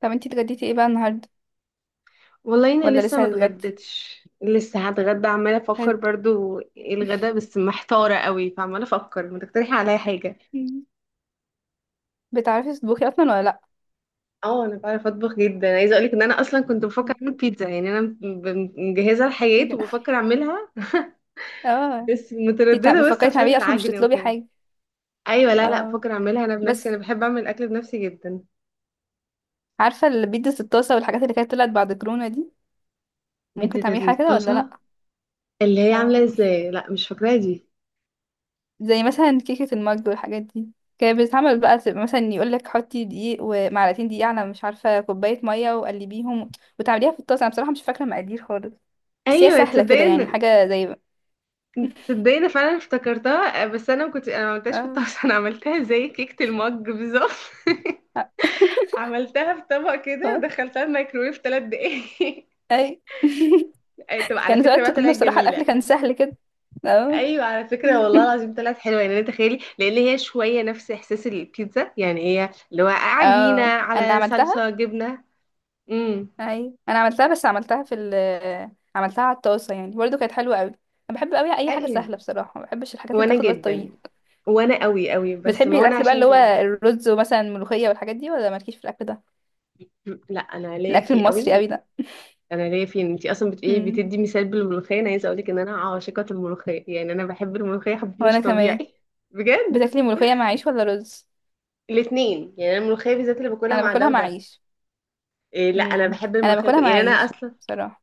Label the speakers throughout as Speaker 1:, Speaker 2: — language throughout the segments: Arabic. Speaker 1: طب انتي اتغديتي ايه بقى النهارده؟
Speaker 2: والله انا
Speaker 1: ولا
Speaker 2: لسه
Speaker 1: لسه
Speaker 2: ما
Speaker 1: هتتغدي؟
Speaker 2: اتغديتش، لسه هتغدى. عماله افكر
Speaker 1: هت...
Speaker 2: برضو ايه الغدا، بس محتاره قوي، فعماله افكر. ما تقترحي عليا حاجه؟
Speaker 1: بتعرفي تطبخي اصلا ولا لا؟
Speaker 2: اه انا بعرف اطبخ جدا. عايزه اقولك ان انا اصلا كنت بفكر اعمل بيتزا، يعني انا مجهزه الحاجات
Speaker 1: بج-
Speaker 2: وبفكر اعملها
Speaker 1: اه
Speaker 2: بس
Speaker 1: انتي
Speaker 2: متردده، بس
Speaker 1: بتفكري
Speaker 2: عشان
Speaker 1: تعملي اصلا مش
Speaker 2: العجن
Speaker 1: تطلبي
Speaker 2: وكده.
Speaker 1: حاجه؟
Speaker 2: ايوه، لا لا،
Speaker 1: اه،
Speaker 2: بفكر اعملها انا بنفسي،
Speaker 1: بس
Speaker 2: انا بحب اعمل اكل بنفسي جدا.
Speaker 1: عارفه البيتزا الطاسه والحاجات اللي كانت طلعت بعد كورونا دي؟ ممكن
Speaker 2: بيتزا
Speaker 1: تعملي حاجه كده ولا لا؟
Speaker 2: الطازه؟ اللي هي عامله
Speaker 1: اه،
Speaker 2: ازاي؟ لا مش فاكراها دي.
Speaker 1: زي مثلا كيكه المج والحاجات دي كانت بتتعمل بقى، تبقى مثلا يقولك حطي دقيق ومعلقتين دقيق على مش عارفه كوبايه ميه وقلبيهم وتعمليها في الطاسه. انا بصراحه مش فاكره مقادير خالص، بس هي
Speaker 2: ايوه
Speaker 1: سهله كده، يعني
Speaker 2: تصدقي.
Speaker 1: حاجه زي.
Speaker 2: تصدقني انا فعلا افتكرتها آه، بس انا ما عملتهاش في
Speaker 1: اه.
Speaker 2: الطاسه انا عملتها زي كيكه المج بالظبط. عملتها في طبق كده
Speaker 1: اه،
Speaker 2: ودخلتها الميكرويف ثلاث دقايق
Speaker 1: اي.
Speaker 2: أي، طب على
Speaker 1: كان
Speaker 2: فكره
Speaker 1: وقت
Speaker 2: بقى
Speaker 1: كنا
Speaker 2: طلعت
Speaker 1: بصراحة الأكل
Speaker 2: جميله.
Speaker 1: كان سهل كده. اه.
Speaker 2: ايوه على فكره والله العظيم طلعت حلوه، يعني تخيلي لان هي شويه نفس احساس البيتزا، يعني هي اللي هو عجينه
Speaker 1: اه، أنا
Speaker 2: على
Speaker 1: عملتها.
Speaker 2: صلصه جبنه. امم.
Speaker 1: أيوة أنا عملتها، بس عملتها في ال، عملتها على الطاسة، يعني برضه كانت حلوة أوي. أنا بحب أوي أي حاجة
Speaker 2: ايوه
Speaker 1: سهلة بصراحة، ما بحبش الحاجات اللي
Speaker 2: وانا
Speaker 1: تاخد وقت
Speaker 2: جدا.
Speaker 1: طويل.
Speaker 2: وانا قوي قوي، بس
Speaker 1: بتحبي
Speaker 2: ما هو انا
Speaker 1: الأكل بقى اللي
Speaker 2: عشان
Speaker 1: هو
Speaker 2: كده.
Speaker 1: الرز ومثلا الملوخية والحاجات دي، ولا مالكيش في الأكل ده؟
Speaker 2: لا انا ليا
Speaker 1: الأكل
Speaker 2: فيه
Speaker 1: المصري أوي
Speaker 2: قوي.
Speaker 1: ده؟
Speaker 2: انا ليا فين، انتي اصلا ايه
Speaker 1: مم.
Speaker 2: بتدي مثال بالملوخيه. انا عايزه اقولك ان انا عاشقه الملوخيه، يعني انا بحب الملوخيه حب مش
Speaker 1: وأنا كمان.
Speaker 2: طبيعي بجد.
Speaker 1: بتاكلي ملوخية مع عيش ولا رز؟
Speaker 2: الاثنين، يعني انا الملوخيه بالذات اللي باكلها
Speaker 1: أنا
Speaker 2: مع ده
Speaker 1: باكلها مع
Speaker 2: وده.
Speaker 1: عيش.
Speaker 2: إيه لا انا بحب
Speaker 1: أنا
Speaker 2: الملوخيه
Speaker 1: باكلها مع
Speaker 2: يعني انا
Speaker 1: عيش
Speaker 2: اصلا
Speaker 1: بصراحة.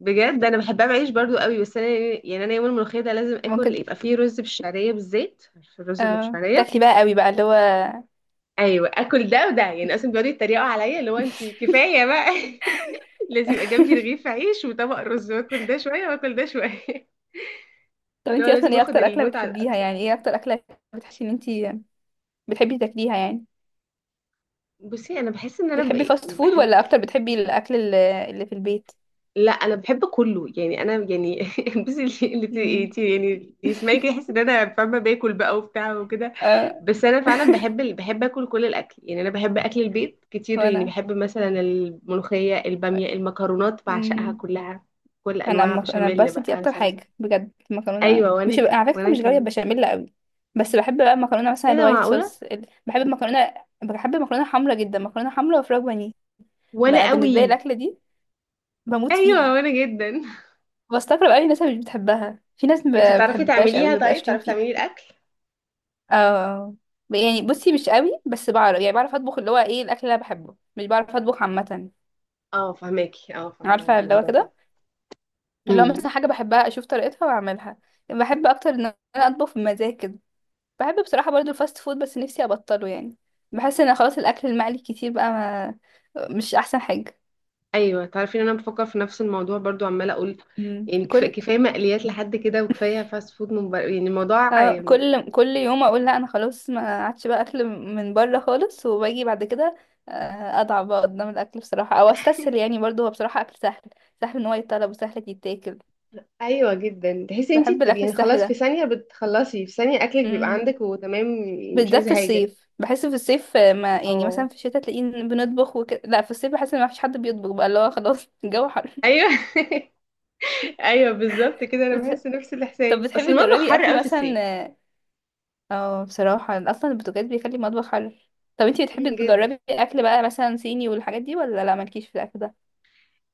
Speaker 2: بجد انا بحبها بعيش برضو قوي. بس انا يعني انا يوم الملوخيه ده لازم اكل
Speaker 1: ممكن.
Speaker 2: يبقى فيه رز بالشعريه بالزيت، عارفه الرز اللي
Speaker 1: اه،
Speaker 2: بالشعريه.
Speaker 1: تاكلي بقى أوي بقى اللي هو.
Speaker 2: ايوه اكل ده وده يعني، اصلا بيقعدوا يتريقوا عليا اللي هو انتي كفايه بقى. لازم يبقى جنبي رغيف عيش وطبق رز واكل ده شويه واكل ده شويه.
Speaker 1: طب
Speaker 2: اللي هو
Speaker 1: انتي اصلا
Speaker 2: لازم
Speaker 1: ايه
Speaker 2: اخد
Speaker 1: اكتر اكله
Speaker 2: المتعة
Speaker 1: بتحبيها؟
Speaker 2: لأقصى
Speaker 1: يعني
Speaker 2: حاجة.
Speaker 1: ايه اكتر اكله بتحسي ان انتي بتحبي تاكليها يعني؟
Speaker 2: بصي انا بحس ان انا
Speaker 1: بتحبي فاست فود
Speaker 2: بحب.
Speaker 1: ولا اكتر بتحبي الاكل اللي في البيت؟
Speaker 2: لا انا بحب كله، يعني انا يعني بصي اللي
Speaker 1: امم.
Speaker 2: يعني اللي يسمعني كده يحس ان انا فاهمه باكل بقى وبتاع وكده.
Speaker 1: اه،
Speaker 2: بس انا فعلا بحب بحب اكل كل الاكل، يعني انا بحب اكل البيت كتير، يعني
Speaker 1: وانا.
Speaker 2: بحب مثلا الملوخيه الباميه المكرونات بعشقها
Speaker 1: امم.
Speaker 2: كلها. كل انواع
Speaker 1: انا
Speaker 2: بشاميل
Speaker 1: بس دي
Speaker 2: بقى
Speaker 1: اكتر
Speaker 2: صلصه.
Speaker 1: حاجه بجد، المكرونه.
Speaker 2: ايوه
Speaker 1: مش على فكره
Speaker 2: وانا
Speaker 1: مش غاويه
Speaker 2: كمان.
Speaker 1: بشاميل قوي، بس بحب بقى المكرونه مثلا
Speaker 2: ايه ده
Speaker 1: الوايت
Speaker 2: معقوله.
Speaker 1: صوص بحب المكرونه. بحب المكرونه حمرا جدا، مكرونه حمرا وفراخ بانيه.
Speaker 2: وانا
Speaker 1: بقى بالنسبه لي
Speaker 2: قوي.
Speaker 1: الاكله دي بموت
Speaker 2: ايوه
Speaker 1: فيها.
Speaker 2: وانا جدا
Speaker 1: بستغرب قوي الناس اللي مش بتحبها، في ناس
Speaker 2: انتي
Speaker 1: ما
Speaker 2: بتعرفي
Speaker 1: بتحبهاش قوي،
Speaker 2: تعمليها؟
Speaker 1: ما
Speaker 2: طيب
Speaker 1: بقاش ليهم
Speaker 2: بتعرفي
Speaker 1: فيها.
Speaker 2: تعملي الاكل؟
Speaker 1: اه، يعني بصي مش قوي، بس بعرف. يعني بعرف اطبخ اللي هو ايه الاكل اللي انا بحبه، مش بعرف اطبخ عامه.
Speaker 2: اه فهماكي، اه فاهمة
Speaker 1: عارفه اللي هو
Speaker 2: الموضوع ده.
Speaker 1: كده، اللي هو
Speaker 2: امم.
Speaker 1: مثلا حاجه بحبها اشوف طريقتها واعملها. بحب اكتر ان انا اطبخ بمزاج كده. بحب بصراحه برضو الفاست فود، بس نفسي ابطله يعني. بحس ان خلاص الاكل المقلي كتير بقى، ما مش احسن حاجه.
Speaker 2: ايوه تعرفي ان انا بفكر في نفس الموضوع برضو، عماله اقول يعني
Speaker 1: كل.
Speaker 2: كفايه مقليات لحد كده وكفايه فاست فود من بره، يعني الموضوع
Speaker 1: اه،
Speaker 2: آم،
Speaker 1: كل كل يوم اقول لا انا خلاص ما عادش بقى اكل من بره خالص، وباجي بعد كده اضعف بقى قدام الاكل بصراحه، او استسهل. يعني برضو هو بصراحه اكل سهل، سهل ان هو يتطلب وسهل يتاكل.
Speaker 2: ايوه جدا. تحسي انتي
Speaker 1: بحب الاكل
Speaker 2: يعني
Speaker 1: السهل
Speaker 2: خلاص في
Speaker 1: ده.
Speaker 2: ثانيه بتخلصي، في ثانيه اكلك بيبقى
Speaker 1: امم،
Speaker 2: عندك وتمام، يعني مش
Speaker 1: بالذات
Speaker 2: عايزه
Speaker 1: في
Speaker 2: حاجه.
Speaker 1: الصيف بحس في الصيف ما يعني.
Speaker 2: اه.
Speaker 1: مثلا في الشتاء تلاقيه إن بنطبخ وكده، لا في الصيف بحس ان ما فيش حد بيطبخ بقى، اللي هو خلاص. الجو حر.
Speaker 2: ايوه ايوه بالظبط كده، انا
Speaker 1: بس-
Speaker 2: بحس نفس
Speaker 1: طب
Speaker 2: الاحساس، اصل
Speaker 1: بتحبي
Speaker 2: المطبخ
Speaker 1: تجربي
Speaker 2: حر
Speaker 1: اكل
Speaker 2: قوي في الصيف.
Speaker 1: مثلا. اه، بصراحة اصلا البرتقال بيخلي المطبخ حلو. طب انتي بتحبي
Speaker 2: جدا.
Speaker 1: تجربي اكل بقى مثلا صيني والحاجات دي، ولا لا مالكيش في الاكل ده؟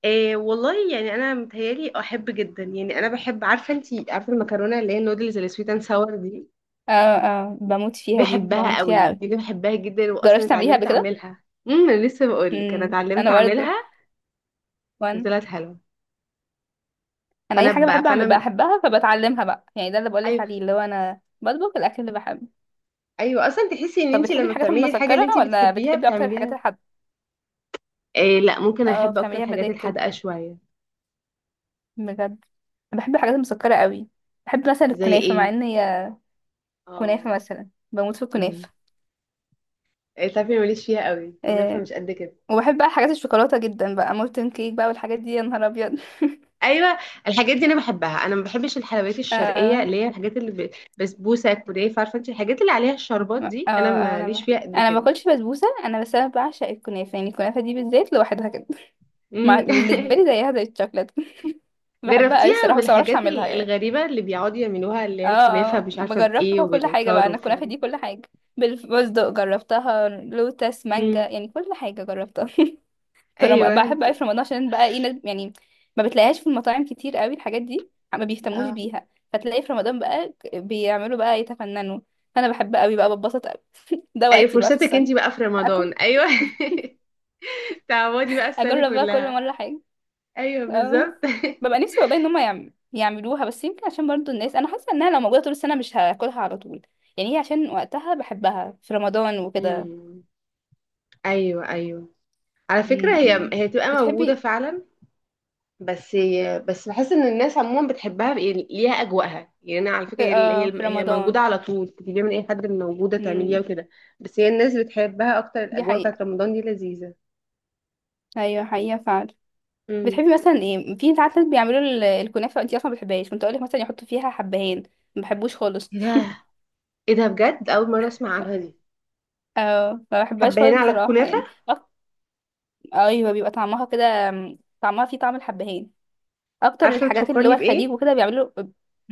Speaker 2: إيه والله، يعني انا متهيالي احب جدا. يعني انا بحب، عارفه انتي عارفه المكرونه اللي هي النودلز اللي سويت اند ساور دي.
Speaker 1: اه، اه، بموت فيها دي،
Speaker 2: بحبها
Speaker 1: بموت فيها
Speaker 2: قوي
Speaker 1: اوي.
Speaker 2: دي، بحبها جدا. واصلا
Speaker 1: جربتي تعمليها
Speaker 2: اتعلمت
Speaker 1: قبل كده؟
Speaker 2: اعملها. انا لسه بقول لك انا
Speaker 1: امم،
Speaker 2: اتعلمت
Speaker 1: انا
Speaker 2: اعملها
Speaker 1: برضه. وانا.
Speaker 2: وطلعت حلوه،
Speaker 1: انا اي
Speaker 2: فانا
Speaker 1: حاجة
Speaker 2: بقى
Speaker 1: بحب اعمل
Speaker 2: فانا.
Speaker 1: بحبها فبتعلمها بقى، يعني ده اللي بقولك
Speaker 2: ايوه
Speaker 1: عليه، اللي هو انا بطبخ الاكل اللي بحبه.
Speaker 2: ايوه، اصلا تحسي ان
Speaker 1: طب
Speaker 2: انتي
Speaker 1: بتحبي
Speaker 2: لما
Speaker 1: الحاجات
Speaker 2: بتعملي الحاجه اللي
Speaker 1: المسكرة
Speaker 2: انتي
Speaker 1: ولا
Speaker 2: بتحبيها
Speaker 1: بتحبي اكتر الحاجات
Speaker 2: بتعمليها.
Speaker 1: الحادقة؟
Speaker 2: إيه لا ممكن
Speaker 1: اه،
Speaker 2: احب اكتر
Speaker 1: بتعمليها
Speaker 2: الحاجات
Speaker 1: بمزاج كده
Speaker 2: الحادقه شويه.
Speaker 1: بجد. أنا بحب الحاجات المسكرة قوي. بحب مثلا
Speaker 2: زي
Speaker 1: الكنافة، مع
Speaker 2: ايه؟
Speaker 1: ان هي. كنافة
Speaker 2: اه.
Speaker 1: مثلا، بموت في الكنافة.
Speaker 2: امم. إيه تعرفي ماليش فيها قوي، كنافه
Speaker 1: آه،
Speaker 2: مش قد كده.
Speaker 1: وبحب بقى حاجات الشوكولاته جدا بقى، مولتن كيك بقى والحاجات دي يا نهار ابيض.
Speaker 2: ايوه الحاجات دي انا بحبها، انا ما بحبش الحلويات الشرقيه اللي
Speaker 1: آه
Speaker 2: هي الحاجات اللي بسبوسه كنافه، عارفه انت الحاجات اللي عليها الشربات
Speaker 1: آه،
Speaker 2: دي انا ماليش فيها قد
Speaker 1: انا ما
Speaker 2: كده.
Speaker 1: باكلش بسبوسه، انا بس انا بعشق الكنافه. يعني الكنافه دي بالذات لوحدها كده،
Speaker 2: أمم
Speaker 1: بالنسبه لي زيها زي الشوكولاته. بحبها قوي
Speaker 2: جربتيها
Speaker 1: الصراحه، بس ما بعرفش
Speaker 2: بالحاجات
Speaker 1: اعملها يعني.
Speaker 2: الغريبه اللي بيقعدوا يعملوها اللي
Speaker 1: اه،
Speaker 2: هي الكنافه
Speaker 1: اه،
Speaker 2: مش عارفه بايه
Speaker 1: بجربها كل حاجه بقى،
Speaker 2: وبالتار
Speaker 1: انا
Speaker 2: والكلام
Speaker 1: الكنافه دي
Speaker 2: ده.
Speaker 1: كل حاجه. بالفستق جربتها، لوتس، مانجا،
Speaker 2: أمم.
Speaker 1: يعني كل حاجه جربتها.
Speaker 2: ايوه
Speaker 1: بحب قوي
Speaker 2: انت.
Speaker 1: في رمضان، عشان بقى ايه يعني ما بتلاقيهاش في المطاعم كتير قوي، الحاجات دي ما بيهتموش
Speaker 2: اه
Speaker 1: بيها، فتلاقي في رمضان بقى بيعملوا بقى يتفننوا. انا بحب قوي بقى، بتبسط قوي. ده
Speaker 2: ايوه
Speaker 1: وقتي بقى في
Speaker 2: فرصتك
Speaker 1: السنة.
Speaker 2: انت بقى في رمضان،
Speaker 1: اكل.
Speaker 2: ايوه تعودي بقى السنه
Speaker 1: اجرب بقى كل
Speaker 2: كلها.
Speaker 1: مرة حاجة.
Speaker 2: ايوه
Speaker 1: اه،
Speaker 2: بالظبط
Speaker 1: ببقى نفسي والله ان هم يعملوها، بس يمكن عشان برضو الناس. انا حاسة انها لو موجودة طول السنة مش هاكلها على طول، يعني هي عشان وقتها بحبها في رمضان وكده.
Speaker 2: أمم. ايوه ايوه. على فكره
Speaker 1: م-
Speaker 2: هي
Speaker 1: م.
Speaker 2: هي تبقى موجوده
Speaker 1: بتحبي
Speaker 2: فعلا. بس، بس بحس ان الناس عموما بتحبها، يعني ليها اجواءها، يعني انا على فكره
Speaker 1: في،
Speaker 2: هي
Speaker 1: آه
Speaker 2: هي
Speaker 1: في
Speaker 2: هي
Speaker 1: رمضان.
Speaker 2: موجوده على طول، تجيبيها من اي حد، موجوده تعمليها
Speaker 1: م.
Speaker 2: وكده. بس هي الناس بتحبها اكتر،
Speaker 1: دي
Speaker 2: الاجواء
Speaker 1: حقيقة.
Speaker 2: بتاعت رمضان دي لذيذه.
Speaker 1: ايوه حقيقة فعلا.
Speaker 2: امم.
Speaker 1: بتحبي مثلا ايه، في ساعات ناس بيعملوا الكنافه، انتي اصلا ما بتحبهاش، كنت اقول لك مثلا يحطوا فيها حبهان، ما بحبوش خالص.
Speaker 2: ايه ده. ايه ده بجد، اول مره اسمع عنها دي.
Speaker 1: اه، ما بحبهاش
Speaker 2: حبه هنا
Speaker 1: خالص
Speaker 2: على
Speaker 1: بصراحه،
Speaker 2: الكنافه.
Speaker 1: يعني ايوه بيبقى طعمها كده م، طعمها فيه طعم الحبهان. اكتر
Speaker 2: عارفه
Speaker 1: الحاجات اللي هو
Speaker 2: بتفكرني
Speaker 1: الخليج
Speaker 2: بايه؟
Speaker 1: وكده بيعملوا.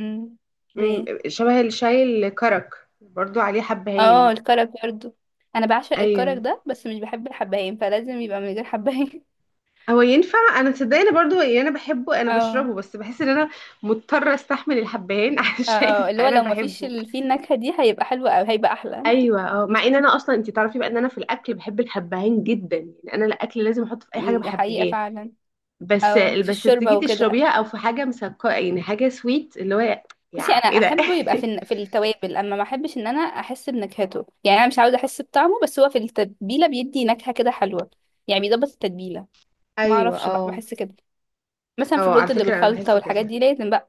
Speaker 1: امم.
Speaker 2: مم،
Speaker 1: بايه.
Speaker 2: شبه الشاي الكرك برضو عليه حبهان.
Speaker 1: اه، الكرك برضه. انا بعشق
Speaker 2: ايوه
Speaker 1: الكرك ده، بس مش بحب الحبهان، فلازم يبقى من غير حبهان.
Speaker 2: هو ينفع. انا صدقني برضو، يعني انا بحبه، انا
Speaker 1: اه،
Speaker 2: بشربه، بس بحس ان انا مضطره استحمل الحبهان عشان
Speaker 1: اه، اللي هو
Speaker 2: انا
Speaker 1: لو ما فيش
Speaker 2: بحبه.
Speaker 1: فيه النكهه دي هيبقى حلو أوي، هيبقى احلى.
Speaker 2: ايوه اه، مع ان انا اصلا انت تعرفي بقى ان انا في الاكل بحب الحبهان جدا، يعني انا الاكل لازم احط في اي حاجه
Speaker 1: م، حقيقه
Speaker 2: بحبهان.
Speaker 1: فعلا.
Speaker 2: بس،
Speaker 1: اه، في
Speaker 2: بس
Speaker 1: الشوربه
Speaker 2: تيجي
Speaker 1: وكده.
Speaker 2: تشربيها او في حاجه مسكره، يعني حاجه سويت اللي هو
Speaker 1: بصي
Speaker 2: يا
Speaker 1: انا
Speaker 2: ايه ده
Speaker 1: احبه يبقى في في التوابل، اما ما احبش ان انا احس بنكهته. يعني انا مش عاوزه احس بطعمه، بس هو في التتبيله بيدي نكهه كده حلوه، يعني بيظبط التتبيله. ما
Speaker 2: ايوه
Speaker 1: اعرفش بقى،
Speaker 2: اه.
Speaker 1: بحس كده. مثلا في
Speaker 2: اه على
Speaker 1: الرز اللي
Speaker 2: فكره انا
Speaker 1: بالخلطه
Speaker 2: بحس
Speaker 1: والحاجات
Speaker 2: كده.
Speaker 1: دي لازم بقى،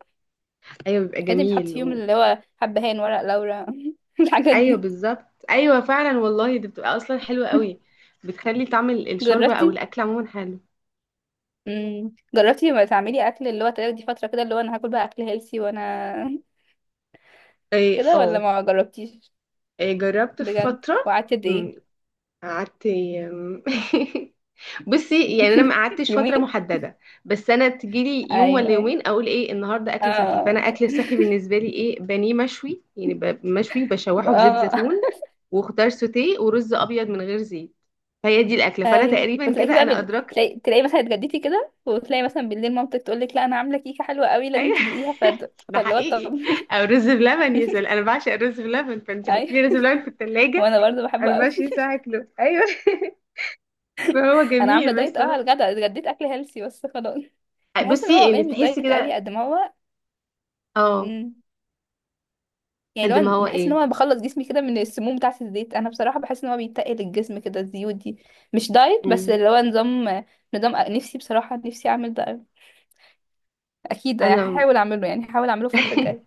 Speaker 2: ايوه بيبقى
Speaker 1: لازم يتحط
Speaker 2: جميل
Speaker 1: فيهم
Speaker 2: و...
Speaker 1: اللي هو حبهان، ورق لورا. الحاجات
Speaker 2: ايوه
Speaker 1: دي.
Speaker 2: بالظبط ايوه فعلا والله، دي بتبقى اصلا حلوه قوي. بتخلي طعم الشوربه او
Speaker 1: جربتي.
Speaker 2: الاكل عموما حلو.
Speaker 1: امم، جربتي ما تعملي اكل اللي هو تاخدي فتره كده اللي هو انا هاكل بقى اكل هيلسي وانا.
Speaker 2: ايه
Speaker 1: كده، ولا
Speaker 2: اه.
Speaker 1: ما جربتيش؟
Speaker 2: إيه جربت في
Speaker 1: بجد،
Speaker 2: فتره.
Speaker 1: وقعدت قد ايه؟
Speaker 2: أمم، قعدت أمم، بصي يعني انا ما قعدتش فتره
Speaker 1: يومين.
Speaker 2: محدده، بس انا تجيلي يوم ولا
Speaker 1: ايوه.
Speaker 2: يومين اقول ايه النهارده اكل صحي.
Speaker 1: اه،
Speaker 2: فانا اكل الصحي بالنسبه لي ايه؟ بانيه مشوي، يعني مشوي بشوحه في زيت
Speaker 1: اه،
Speaker 2: زيتون وخضار سوتيه ورز ابيض من غير زيت، فهي دي الاكله، فانا
Speaker 1: ايوه.
Speaker 2: تقريبا كده
Speaker 1: وتلاقيكي بقى
Speaker 2: انا ادركت.
Speaker 1: تلاقي، مثلا اتغديتي كده، وتلاقي مثلا بالليل مامتك تقول لك لا انا عامله كيكه حلوه قوي لازم
Speaker 2: ايوه
Speaker 1: تدوقيها،
Speaker 2: ده
Speaker 1: فاللي هو
Speaker 2: حقيقي.
Speaker 1: طب.
Speaker 2: او رز بلبن يا سلام، انا بعشق الرز بلبن، فانت
Speaker 1: ايوه،
Speaker 2: هتلاقي رز بلبن في الثلاجه
Speaker 1: وانا برضه بحبه قوي.
Speaker 2: 24 ساعه كله، ايوه فهو
Speaker 1: انا عامله
Speaker 2: جميل
Speaker 1: دايت.
Speaker 2: بس.
Speaker 1: اه، على الغدا اتغديت اكل هيلسي بس خلاص. بحس ان هو
Speaker 2: بصي يعني
Speaker 1: والله مش
Speaker 2: تحسي
Speaker 1: دايت قوي
Speaker 2: كده.
Speaker 1: قد ما هو.
Speaker 2: اه
Speaker 1: مم، يعني لو
Speaker 2: قد ما
Speaker 1: أنا
Speaker 2: هو.
Speaker 1: بحس ان هو بخلص جسمي كده من السموم بتاعه الزيت. انا بصراحه بحس ان هو بيتقل الجسم كده الزيوت دي. مش دايت، بس
Speaker 2: ايه
Speaker 1: اللي هو نظام. نظام نفسي بصراحه، نفسي اعمل ده قوي. اكيد يعني
Speaker 2: انا
Speaker 1: هحاول اعمله، يعني هحاول اعمله الفتره الجايه.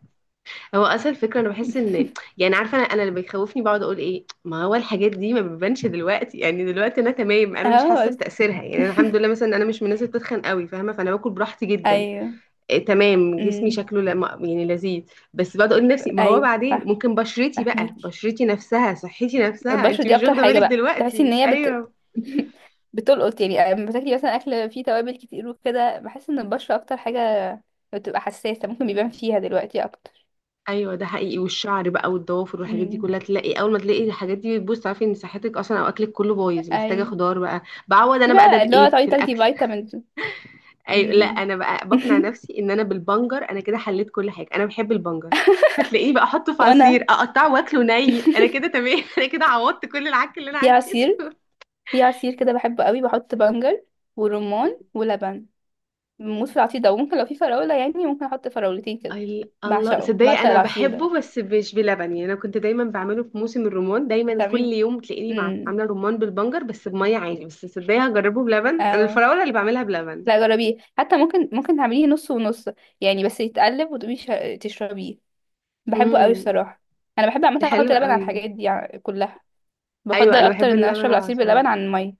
Speaker 2: هو اصل الفكره انا بحس ان، يعني عارفه انا اللي بيخوفني بقعد اقول ايه، ما هو الحاجات دي ما بتبانش دلوقتي، يعني دلوقتي انا تمام، انا مش حاسه
Speaker 1: اه.
Speaker 2: بتاثيرها، يعني انا الحمد لله مثلا انا مش من الناس اللي بتتخن قوي، فاهمه، فانا باكل براحتي جدا.
Speaker 1: ايوه.
Speaker 2: إيه تمام، جسمي
Speaker 1: امم.
Speaker 2: شكله لا، يعني لذيذ. بس بقعد اقول لنفسي ما هو
Speaker 1: ايوه
Speaker 2: بعدين
Speaker 1: فاهم.
Speaker 2: ممكن بشرتي بقى،
Speaker 1: فاهمك.
Speaker 2: بشرتي نفسها، صحتي نفسها،
Speaker 1: البشرة
Speaker 2: انت
Speaker 1: دي
Speaker 2: مش
Speaker 1: اكتر
Speaker 2: واخده
Speaker 1: حاجة
Speaker 2: بالك
Speaker 1: بقى، تحسي ان
Speaker 2: دلوقتي.
Speaker 1: هي بت.
Speaker 2: ايوه.
Speaker 1: بتلقط، يعني لما بتاكلي مثلا اكل فيه توابل كتير وكده بحس ان البشرة اكتر حاجة بتبقى حساسة، ممكن بيبان فيها دلوقتي اكتر.
Speaker 2: ايوه ده حقيقي، والشعر بقى والضوافر والحاجات دي
Speaker 1: امم.
Speaker 2: كلها تلاقي، اول ما تلاقي الحاجات دي بتبوظ تعرفي ان صحتك اصلا او اكلك كله بايظ، محتاجه
Speaker 1: ايوه.
Speaker 2: خضار بقى بعوض.
Speaker 1: في
Speaker 2: انا بقى ده
Speaker 1: بقى اللي هو
Speaker 2: بايه
Speaker 1: تقعدي
Speaker 2: في
Speaker 1: تاخدي
Speaker 2: الاكل.
Speaker 1: فيتامينز.
Speaker 2: ايوه لا
Speaker 1: امم.
Speaker 2: انا بقى بقنع نفسي ان انا بالبنجر انا كده حليت كل حاجه، انا بحب البنجر. هتلاقيه بقى احطه في عصير،
Speaker 1: وانا
Speaker 2: اقطعه واكله ني، انا كده تمام انا كده عوضت كل العك اللي انا
Speaker 1: في عصير،
Speaker 2: عكيته.
Speaker 1: في عصير كده بحبه قوي، بحط بنجر ورمان ولبن. بموت في العصير ده. وممكن لو في فراولة يعني ممكن احط فراولتين كده.
Speaker 2: الله
Speaker 1: بعشقه،
Speaker 2: صدقني
Speaker 1: بعشق
Speaker 2: انا
Speaker 1: العصير ده.
Speaker 2: بحبه بس مش بلبن، يعني انا كنت دايما بعمله في موسم الرمان، دايما كل
Speaker 1: بتعمليه؟
Speaker 2: يوم تلاقيني
Speaker 1: امم.
Speaker 2: عامله رمان بالبنجر بس بميه عادي. بس صدقني هجربه بلبن، انا
Speaker 1: اه،
Speaker 2: الفراوله اللي بعملها بلبن.
Speaker 1: لا جربيه حتى، ممكن ممكن تعمليه نص ونص، يعني بس يتقلب وتقومي تشربيه. بحبه قوي
Speaker 2: امم.
Speaker 1: الصراحة. انا بحب عامة
Speaker 2: ده
Speaker 1: احط
Speaker 2: حلو
Speaker 1: لبن على
Speaker 2: قوي ده.
Speaker 1: الحاجات دي كلها. بفضل
Speaker 2: ايوه انا
Speaker 1: اكتر
Speaker 2: بحب
Speaker 1: ان
Speaker 2: اللبن
Speaker 1: اشرب
Speaker 2: على
Speaker 1: العصير
Speaker 2: العصاير.
Speaker 1: باللبن عن المية.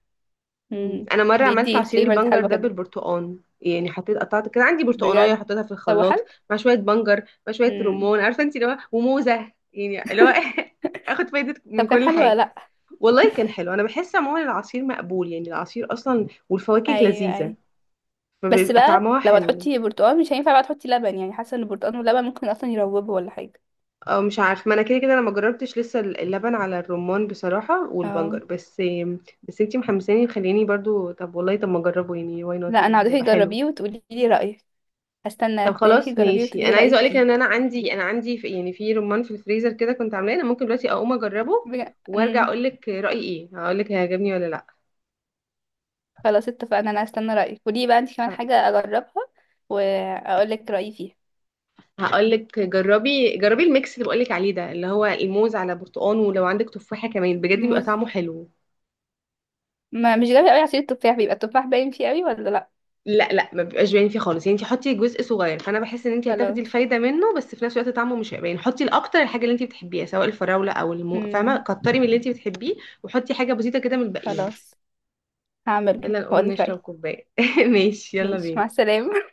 Speaker 2: مم،
Speaker 1: امم.
Speaker 2: انا مره عملت
Speaker 1: بيدي
Speaker 2: عصير
Speaker 1: فليفرز
Speaker 2: البنجر
Speaker 1: حلوة
Speaker 2: ده
Speaker 1: كده
Speaker 2: بالبرتقال، يعني حطيت قطعت كده عندي برتقانيه
Speaker 1: بجد.
Speaker 2: حطيتها في
Speaker 1: طب
Speaker 2: الخلاط
Speaker 1: حلو.
Speaker 2: مع شويه بنجر مع شويه
Speaker 1: امم.
Speaker 2: رمان، عارفه انت اللي هو وموزه يعني اللي هو اخد فايده
Speaker 1: طب
Speaker 2: من
Speaker 1: كان
Speaker 2: كل
Speaker 1: حلو ولا
Speaker 2: حاجه.
Speaker 1: لا؟
Speaker 2: والله كان حلو. انا بحس عموما العصير مقبول، يعني العصير اصلا والفواكه
Speaker 1: ايوه،
Speaker 2: لذيذه
Speaker 1: ايوه. بس
Speaker 2: فبيبقى
Speaker 1: بقى
Speaker 2: طعمها
Speaker 1: لو
Speaker 2: حلو.
Speaker 1: هتحطي برتقال، مش هينفع بقى تحطي لبن، يعني حاسه ان البرتقال واللبن ممكن اصلا يروبوا ولا حاجه.
Speaker 2: أو مش عارف، ما انا كده كده انا ما جربتش لسه اللبن على الرمان بصراحه،
Speaker 1: اه،
Speaker 2: والبنجر بس. بس انتي محمساني، خليني برضو. طب والله طب ما اجربه يعني، واي
Speaker 1: لا
Speaker 2: نوت،
Speaker 1: انا
Speaker 2: يعني
Speaker 1: هدوقي،
Speaker 2: هيبقى حلو.
Speaker 1: جربيه وتقولي لي رايك. هستنى
Speaker 2: طب
Speaker 1: استناكي
Speaker 2: خلاص
Speaker 1: تجربيه
Speaker 2: ماشي.
Speaker 1: وتقولي لي
Speaker 2: انا عايزه
Speaker 1: رايك
Speaker 2: اقولك
Speaker 1: فيه.
Speaker 2: ان انا عندي في، يعني في رمان في الفريزر كده كنت عاملاه، انا ممكن دلوقتي اقوم اجربه وارجع
Speaker 1: أمم،
Speaker 2: اقولك رايي ايه، هقولك هيعجبني ولا لا.
Speaker 1: خلاص اتفقنا. انا هستنى رايك، قولي بقى انت كمان حاجه اجربها واقول لك رايي فيها.
Speaker 2: هقولك جربي جربي الميكس اللي بقولك عليه ده اللي هو الموز على برتقان، ولو عندك تفاحة كمان بجد بيبقى
Speaker 1: موز.
Speaker 2: طعمه حلو.
Speaker 1: ما مش جايبه قوي، عصير التفاح بيبقى التفاح باين فيه قوي ولا لا؟
Speaker 2: لا لا ما بيبقاش باين فيه خالص، يعني انت حطي جزء صغير، فانا بحس ان انت هتاخدي
Speaker 1: خلاص.
Speaker 2: الفايده منه بس في نفس الوقت طعمه مش هيبقى باين. حطي الاكتر الحاجه اللي انت بتحبيها سواء الفراوله او المو، فاهمه،
Speaker 1: امم.
Speaker 2: كتري من اللي انت بتحبيه وحطي حاجه بسيطه كده من الباقيين.
Speaker 1: خلاص هعمله
Speaker 2: يلا نقوم
Speaker 1: واقول لك
Speaker 2: نشرب
Speaker 1: رايي.
Speaker 2: كوبايه ماشي يلا
Speaker 1: ماشي، مع
Speaker 2: بينا.
Speaker 1: السلامه.